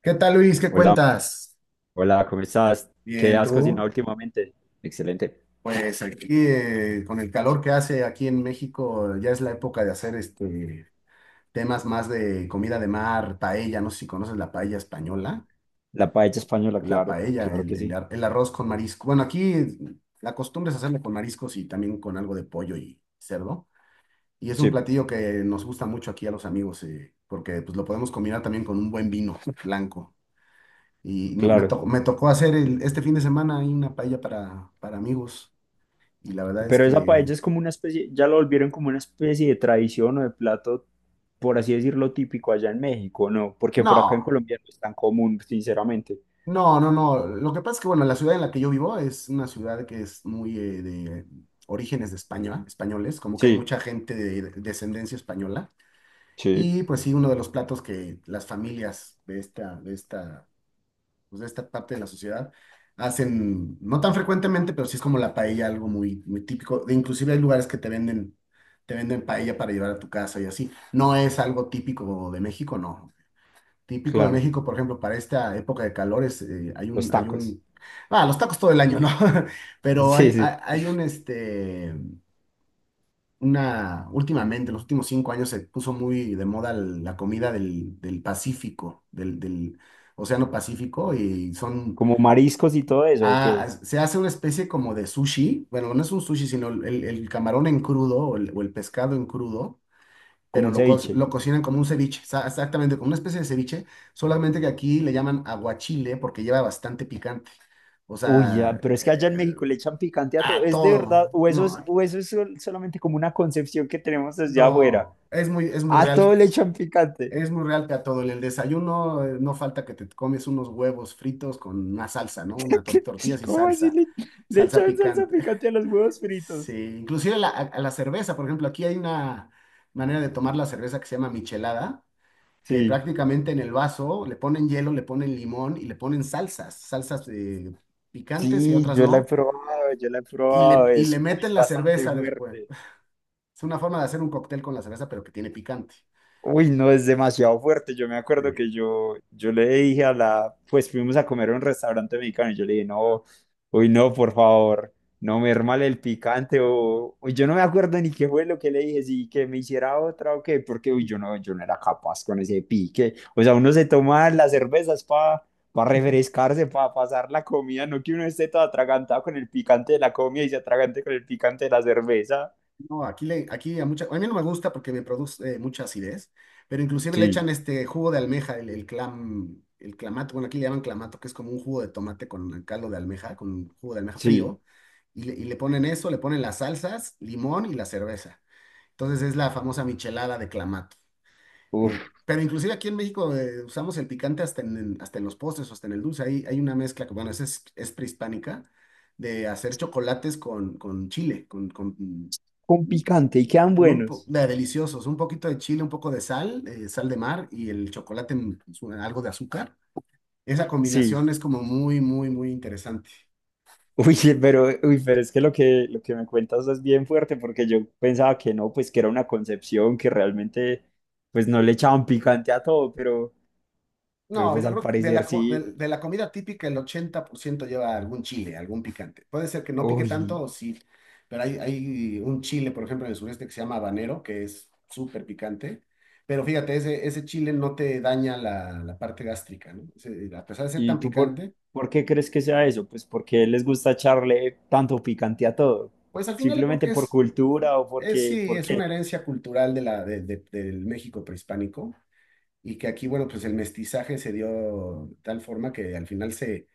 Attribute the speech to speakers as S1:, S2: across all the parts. S1: ¿Qué tal, Luis? ¿Qué
S2: Hola,
S1: cuentas?
S2: hola, ¿cómo estás? ¿Qué
S1: Bien,
S2: has cocinado
S1: tú,
S2: últimamente? Excelente.
S1: pues aquí con el calor que hace aquí en México, ya es la época de hacer temas más de comida de mar, paella. No sé si conoces la paella española.
S2: La paella española,
S1: La
S2: claro,
S1: paella,
S2: claro
S1: el,
S2: que
S1: el
S2: sí.
S1: ar- el arroz con marisco. Bueno, aquí la costumbre es hacerlo con mariscos y también con algo de pollo y cerdo. Y es un
S2: Sí,
S1: platillo que nos gusta mucho aquí a los amigos, porque pues lo podemos combinar también con un buen vino blanco. Y no- me,
S2: claro.
S1: to- me tocó hacer este fin de semana ahí una paella para, amigos. Y la verdad es
S2: Pero esa
S1: que
S2: paella es como una especie, ya lo volvieron como una especie de tradición o de plato, por así decirlo, típico allá en México, ¿no? Porque por acá en
S1: no,
S2: Colombia no es tan común, sinceramente.
S1: no, no, no. Lo que pasa es que, bueno, la ciudad en la que yo vivo es una ciudad que es muy de orígenes de España, españoles, como que hay
S2: Sí,
S1: mucha gente de descendencia española.
S2: sí,
S1: Y pues sí, uno de los platos que las familias de esta parte de la sociedad hacen, no tan frecuentemente, pero sí es como la paella, algo muy, muy típico. E inclusive hay lugares que te venden, paella para llevar a tu casa y así. No es algo típico de México, no. Típico de
S2: claro.
S1: México, por ejemplo, para esta época de calores,
S2: Los tacos.
S1: ah, los tacos todo el año, ¿no? Pero
S2: Sí,
S1: hay, hay,
S2: sí.
S1: hay un, este, una, últimamente, en los últimos 5 años se puso muy de moda la comida del Pacífico, del Océano Pacífico. Y son...
S2: ¿Como mariscos y todo eso, o
S1: Ah,
S2: qué?
S1: se hace una especie como de sushi. Bueno, no es un sushi, sino camarón en crudo o el pescado en crudo,
S2: Como
S1: pero
S2: un ceviche.
S1: lo cocinan como un ceviche, exactamente, como una especie de ceviche, solamente que aquí le llaman aguachile porque lleva bastante picante. O
S2: Uy, ya,
S1: sea,
S2: pero es que allá en México le echan picante a todo.
S1: a
S2: ¿Es de verdad?
S1: todo.
S2: ¿O eso
S1: No,
S2: es, o solamente como una concepción que tenemos desde afuera?
S1: no, es muy
S2: A
S1: real.
S2: todo le echan picante.
S1: Es muy real que a todo. En el desayuno, no falta que te comes unos huevos fritos con una salsa, ¿no? Una tortillas y
S2: ¿Cómo le
S1: salsa
S2: echan salsa
S1: picante.
S2: picante a los huevos
S1: Sí,
S2: fritos?
S1: inclusive la- a la cerveza, por ejemplo, aquí hay una manera de tomar la cerveza que se llama michelada, que
S2: Sí,
S1: prácticamente en el vaso le ponen hielo, le ponen limón y le ponen salsas, picantes y
S2: sí,
S1: otras no,
S2: yo la he
S1: y
S2: probado.
S1: le
S2: Es pues
S1: meten la
S2: bastante
S1: cerveza después.
S2: fuerte.
S1: Es una forma de hacer un cóctel con la cerveza, pero que tiene picante.
S2: Uy, no, es demasiado fuerte. Yo me acuerdo
S1: Sí.
S2: que yo le dije a la, pues fuimos a comer a un restaurante mexicano y yo le dije, no, uy, no, por favor, no me hermale el picante o, uy, yo no me acuerdo ni qué fue lo que le dije, si que me hiciera otra o qué, porque, uy, yo no era capaz con ese pique. O sea, uno se toma las cervezas para refrescarse, para pasar la comida, no que uno esté todo atragantado con el picante de la comida y se atragante con el picante de la cerveza.
S1: No, aquí, le, aquí a, mucha, a mí no me gusta porque me produce mucha acidez, pero inclusive le echan
S2: Sí,
S1: este jugo de almeja, el clamato. Bueno, aquí le llaman clamato, que es como un jugo de tomate con caldo de almeja, con un jugo de almeja
S2: sí,
S1: frío, y le ponen eso, le ponen las salsas, limón y la cerveza. Entonces es la famosa michelada de clamato. Eh,
S2: uf,
S1: pero inclusive aquí en México usamos el picante hasta hasta en los postres, hasta en el dulce. Ahí hay una mezcla que, bueno, esa es prehispánica, de hacer chocolates con chile,
S2: con picante y quedan
S1: con un po-
S2: buenos.
S1: de- deliciosos, un poquito de chile, un poco de sal, sal de mar y el chocolate, algo de azúcar. Esa
S2: Sí,
S1: combinación es como muy, muy, muy interesante.
S2: uy, pero, uy, pero es que lo que me cuentas es bien fuerte porque yo pensaba que no, pues que era una concepción que realmente pues no le echaban picante a todo, pero
S1: No,
S2: pues
S1: yo
S2: al
S1: creo que
S2: parecer sí.
S1: de la comida típica el 80% lleva algún chile, algún picante. Puede ser que no pique tanto
S2: Uy,
S1: o sí, pero hay un chile, por ejemplo, en el sureste que se llama habanero, que es súper picante. Pero fíjate, ese chile no te daña la parte gástrica, ¿no? A pesar de ser
S2: ¿y
S1: tan picante,
S2: por qué crees que sea eso? Pues porque les gusta echarle tanto picante a todo.
S1: pues al final yo creo
S2: Simplemente
S1: que
S2: por
S1: es.
S2: cultura o
S1: Es, sí, es
S2: porque.
S1: una herencia cultural de la, de- del México prehispánico, y que aquí, bueno, pues el mestizaje se dio de tal forma que al final se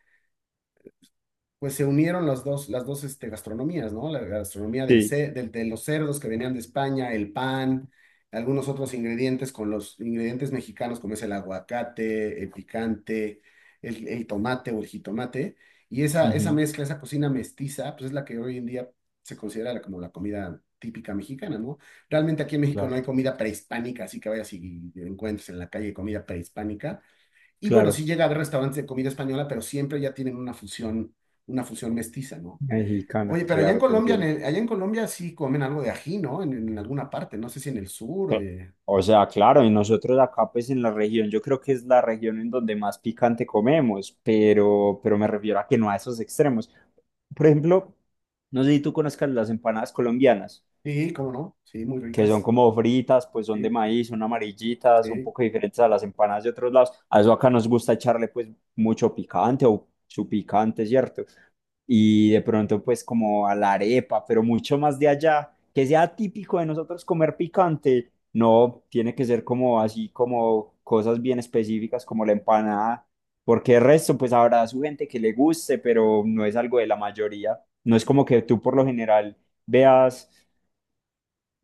S1: pues se unieron las dos gastronomías, ¿no? La gastronomía
S2: Sí,
S1: de los cerdos que venían de España, el pan, algunos otros ingredientes con los ingredientes mexicanos, como es el aguacate, el picante, el tomate o el jitomate. Y esa
S2: ujú.
S1: mezcla, esa cocina mestiza, pues es la que hoy en día se considera como la comida típica mexicana, ¿no? Realmente aquí en México no hay
S2: Claro,
S1: comida prehispánica, así que vayas y encuentres en la calle comida prehispánica. Y bueno,
S2: claro,
S1: sí llega a haber restaurantes de comida española, pero siempre ya tienen una fusión mestiza, ¿no?
S2: mexicana,
S1: Oye, pero allá en
S2: claro, te
S1: Colombia, en
S2: entiendo.
S1: el- allá en Colombia sí comen algo de ají, ¿no? En alguna parte, no sé si en el sur.
S2: O sea, claro, y nosotros acá pues en la región, yo creo que es la región en donde más picante comemos, pero, me refiero a que no a esos extremos. Por ejemplo, no sé si tú conozcas las empanadas colombianas
S1: Sí, cómo no, sí, muy
S2: que son
S1: ricas.
S2: como fritas, pues son de
S1: Sí,
S2: maíz, son amarillitas, un
S1: sí.
S2: poco diferentes a las empanadas de otros lados. A eso acá nos gusta echarle pues mucho picante o su picante, ¿cierto? Y de pronto pues como a la arepa, pero mucho más de allá, que sea típico de nosotros comer picante, no, tiene que ser como así, como cosas bien específicas como la empanada, porque el resto pues habrá su gente que le guste, pero no es algo de la mayoría. No es como que tú por lo general veas.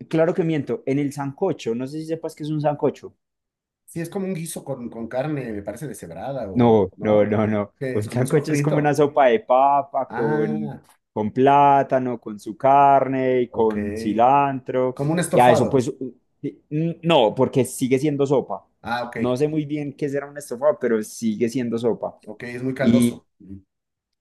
S2: Claro que miento, en el sancocho, no sé si sepas que es un sancocho.
S1: Sí, es como un guiso con carne, me parece, deshebrada o,
S2: No, no,
S1: ¿no?
S2: no, no.
S1: Que es
S2: Un
S1: como un
S2: sancocho es como una
S1: sofrito.
S2: sopa de papa
S1: Ah,
S2: con plátano, con su carne y
S1: ok.
S2: con cilantro.
S1: Como un
S2: Y a eso
S1: estofado.
S2: pues, no, porque sigue siendo sopa.
S1: Ah, ok.
S2: No sé muy bien qué será un estofado, pero sigue siendo sopa.
S1: Ok, es muy caldoso.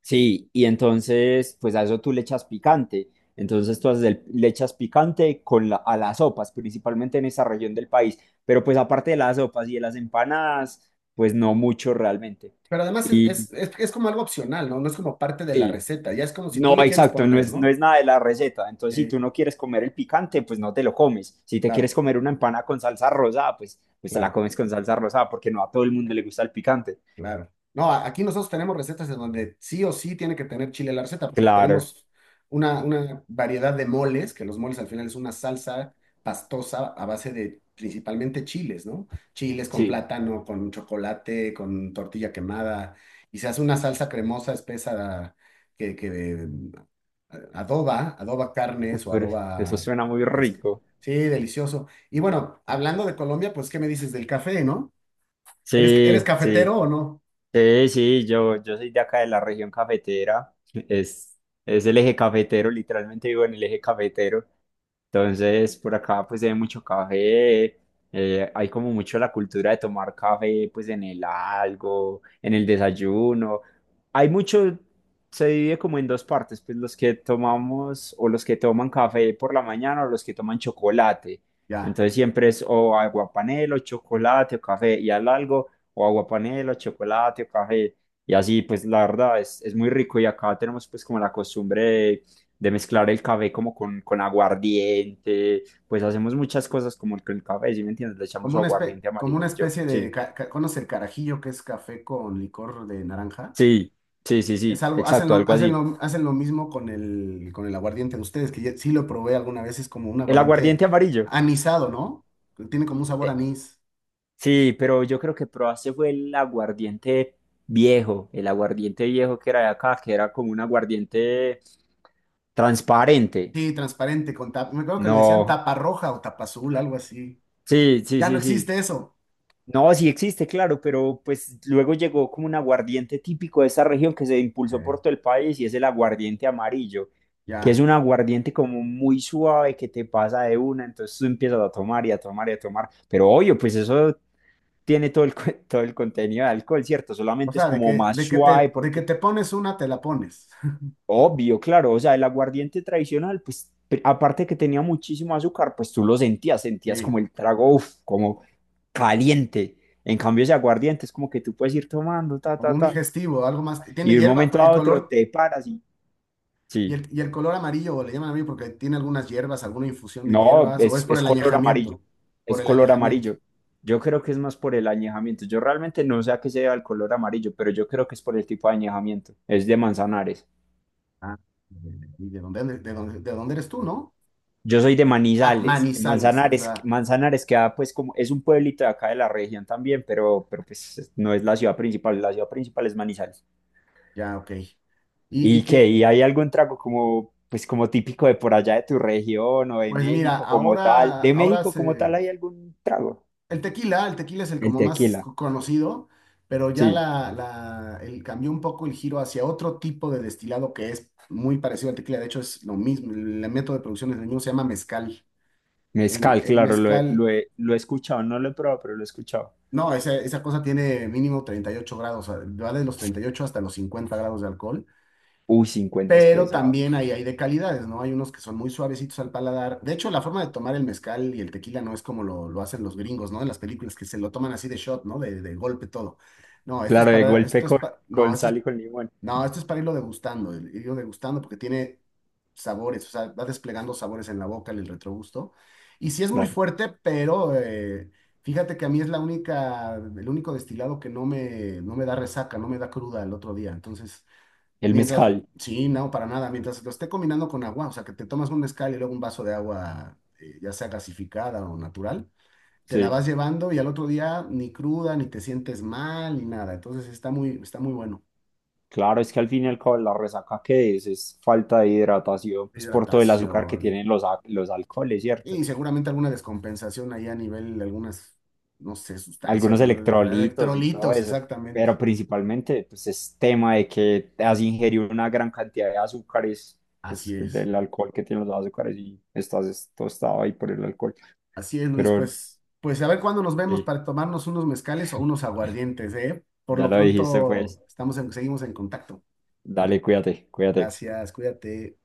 S2: Sí, y entonces, pues a eso tú le echas picante. Entonces tú haces le echas picante con a las sopas, principalmente en esa región del país. Pero pues aparte de las sopas y de las empanadas, pues no mucho realmente.
S1: Pero además
S2: Y
S1: es como algo opcional, ¿no? No es como parte de la
S2: sí,
S1: receta, ya es como si tú
S2: no,
S1: le quieres
S2: exacto,
S1: poner,
S2: no
S1: ¿no?
S2: es nada de la receta. Entonces, si tú
S1: Sí,
S2: no quieres comer el picante, pues no te lo comes. Si te
S1: claro,
S2: quieres comer una empanada con salsa rosada, pues, pues te la
S1: claro,
S2: comes con salsa rosada, porque no a todo el mundo le gusta el picante.
S1: claro. No, aquí nosotros tenemos recetas en donde sí o sí tiene que tener chile la receta, porque
S2: Claro,
S1: tenemos una variedad de moles, que los moles al final es una salsa pastosa a base de principalmente chiles, ¿no? Chiles con
S2: sí.
S1: plátano, con chocolate, con tortilla quemada, y se hace una salsa cremosa, espesa, que adoba adoba
S2: Uf,
S1: carnes o
S2: pero
S1: adoba
S2: eso suena muy
S1: pesca.
S2: rico.
S1: Sí, delicioso. Y bueno, hablando de Colombia, pues, ¿qué me dices del café, no? Eres
S2: Sí, sí,
S1: cafetero o no?
S2: sí, sí, yo soy de acá de la región cafetera, es, es el eje cafetero, literalmente vivo en el eje cafetero. Entonces, por acá pues se hay mucho café, hay como mucho la cultura de tomar café pues en el algo, en el desayuno. Hay mucho, se divide como en dos partes, pues los que tomamos o los que toman café por la mañana o los que toman chocolate.
S1: Ya.
S2: Entonces siempre es o aguapanelo, chocolate o café y al algo, o aguapanelo, chocolate o café. Y así pues la verdad es muy rico y acá tenemos pues como la costumbre de mezclar el café como con aguardiente, pues hacemos muchas cosas como con el café, ¿sí me entiendes? Le echamos
S1: Como
S2: su
S1: una
S2: aguardiente amarillo,
S1: especie
S2: sí,
S1: ¿conoce el carajillo, que es café con licor de naranja?
S2: sí, sí, sí,
S1: Es
S2: sí,
S1: algo,
S2: exacto, algo así.
S1: hacen lo mismo con el aguardiente de ustedes, que sí lo probé alguna vez. Es como un
S2: El
S1: aguardiente
S2: aguardiente amarillo,
S1: anisado, ¿no? Que tiene como un sabor
S2: eh,
S1: anís.
S2: sí, pero yo creo que probaste fue el aguardiente viejo que era de acá, que era como un aguardiente transparente.
S1: Sí, transparente, con tapa. Me acuerdo que le decían
S2: No,
S1: tapa roja o tapa azul, algo así.
S2: sí, sí,
S1: Ya no
S2: sí, sí.
S1: existe eso.
S2: No, sí existe, claro, pero pues luego llegó como un aguardiente típico de esa región que se impulsó por
S1: Ok,
S2: todo el país y es el aguardiente amarillo, que es
S1: ya.
S2: un aguardiente como muy suave que te pasa de una, entonces tú empiezas a tomar y a tomar y a tomar, pero obvio, pues eso tiene todo todo el contenido de alcohol, ¿cierto?
S1: O
S2: Solamente es
S1: sea, de
S2: como más suave
S1: de que
S2: porque
S1: te pones una, te la pones.
S2: obvio, claro, o sea, el aguardiente tradicional, pues aparte de que tenía muchísimo azúcar, pues tú lo sentías, sentías
S1: Sí,
S2: como el trago, uf, como caliente. En cambio, ese aguardiente es como que tú puedes ir tomando, ta,
S1: como
S2: ta,
S1: un
S2: ta,
S1: digestivo, algo más. Tiene
S2: y de un
S1: hierba,
S2: momento
S1: el
S2: a otro
S1: color,
S2: te paras y
S1: y
S2: sí,
S1: y el color amarillo, le llaman a mí porque tiene algunas hierbas, alguna infusión de
S2: no,
S1: hierbas, o es por
S2: es
S1: el
S2: color amarillo,
S1: añejamiento. Por
S2: es
S1: el
S2: color
S1: añejamiento.
S2: amarillo. Yo creo que es más por el añejamiento. Yo realmente no sé a qué se debe el color amarillo, pero yo creo que es por el tipo de añejamiento. Es de Manzanares.
S1: Ah, ¿y de dónde eres tú, no?
S2: Yo soy de
S1: Ah,
S2: Manizales,
S1: Manizales, es
S2: Manzanares,
S1: verdad.
S2: Manzanares queda pues como, es un pueblito de acá de la región también, pero pues no es la ciudad principal es Manizales.
S1: Ya, ok. Y, y
S2: ¿Y qué?
S1: que,
S2: ¿Y hay algún trago como, pues como típico de por allá de tu región o de
S1: pues mira,
S2: México como tal?
S1: ahora,
S2: ¿De México como tal hay algún trago?
S1: El tequila es el
S2: El
S1: como más
S2: tequila,
S1: conocido, pero ya
S2: sí.
S1: cambió un poco el giro hacia otro tipo de destilado que es muy parecido al tequila. De hecho, es lo mismo. El método de producción es el mismo, se llama mezcal.
S2: Mezcal,
S1: El
S2: claro,
S1: mezcal,
S2: lo he escuchado, no lo he probado, pero lo he escuchado.
S1: no, esa cosa tiene mínimo 38 grados, o sea, va de los 38 hasta los 50 grados de alcohol.
S2: Uy, 50 es
S1: Pero
S2: pesado.
S1: también ahí hay de calidades, ¿no? Hay unos que son muy suavecitos al paladar. De hecho, la forma de tomar el mezcal y el tequila no es como lo hacen los gringos, ¿no? En las películas que se lo toman así de shot, ¿no? De golpe todo. No, esto es
S2: Claro, de
S1: para,
S2: golpe
S1: esto es pa- no,
S2: con
S1: esto es,
S2: sal y con limón,
S1: no, esto es para irlo degustando, irlo degustando porque tiene sabores, o sea, va desplegando sabores en la boca, en el retrogusto. Y sí es muy
S2: claro.
S1: fuerte, pero fíjate que a mí es la única, el único destilado que no me da resaca, no me da cruda el otro día. Entonces...
S2: El
S1: Mientras,
S2: mezcal,
S1: sí, no, para nada. Mientras lo esté combinando con agua, o sea, que te tomas un mezcal y luego un vaso de agua, ya sea gasificada o natural, te la
S2: sí.
S1: vas llevando y al otro día ni cruda, ni te sientes mal, ni nada. Entonces está muy bueno.
S2: Claro, es que al fin y al cabo la resaca que es falta de hidratación, pues por todo el azúcar que
S1: Hidratación
S2: tienen los alcoholes, ¿cierto?
S1: y seguramente alguna descompensación ahí a nivel de algunas, no sé,
S2: Algunos
S1: sustancias,
S2: electrolitos y todo
S1: electrolitos,
S2: eso,
S1: exactamente.
S2: pero principalmente pues es tema de que te has ingerido una gran cantidad de azúcares,
S1: Así
S2: pues
S1: es.
S2: del alcohol que tienen los azúcares y tostado ahí por el alcohol.
S1: Así es, Luis,
S2: Pero
S1: pues, a ver cuándo nos vemos
S2: sí,
S1: para tomarnos unos mezcales o unos aguardientes, ¿eh? Por
S2: ya
S1: lo
S2: lo dijiste
S1: pronto
S2: pues,
S1: estamos seguimos en contacto.
S2: dale, cuídate, cuídate.
S1: Gracias, cuídate.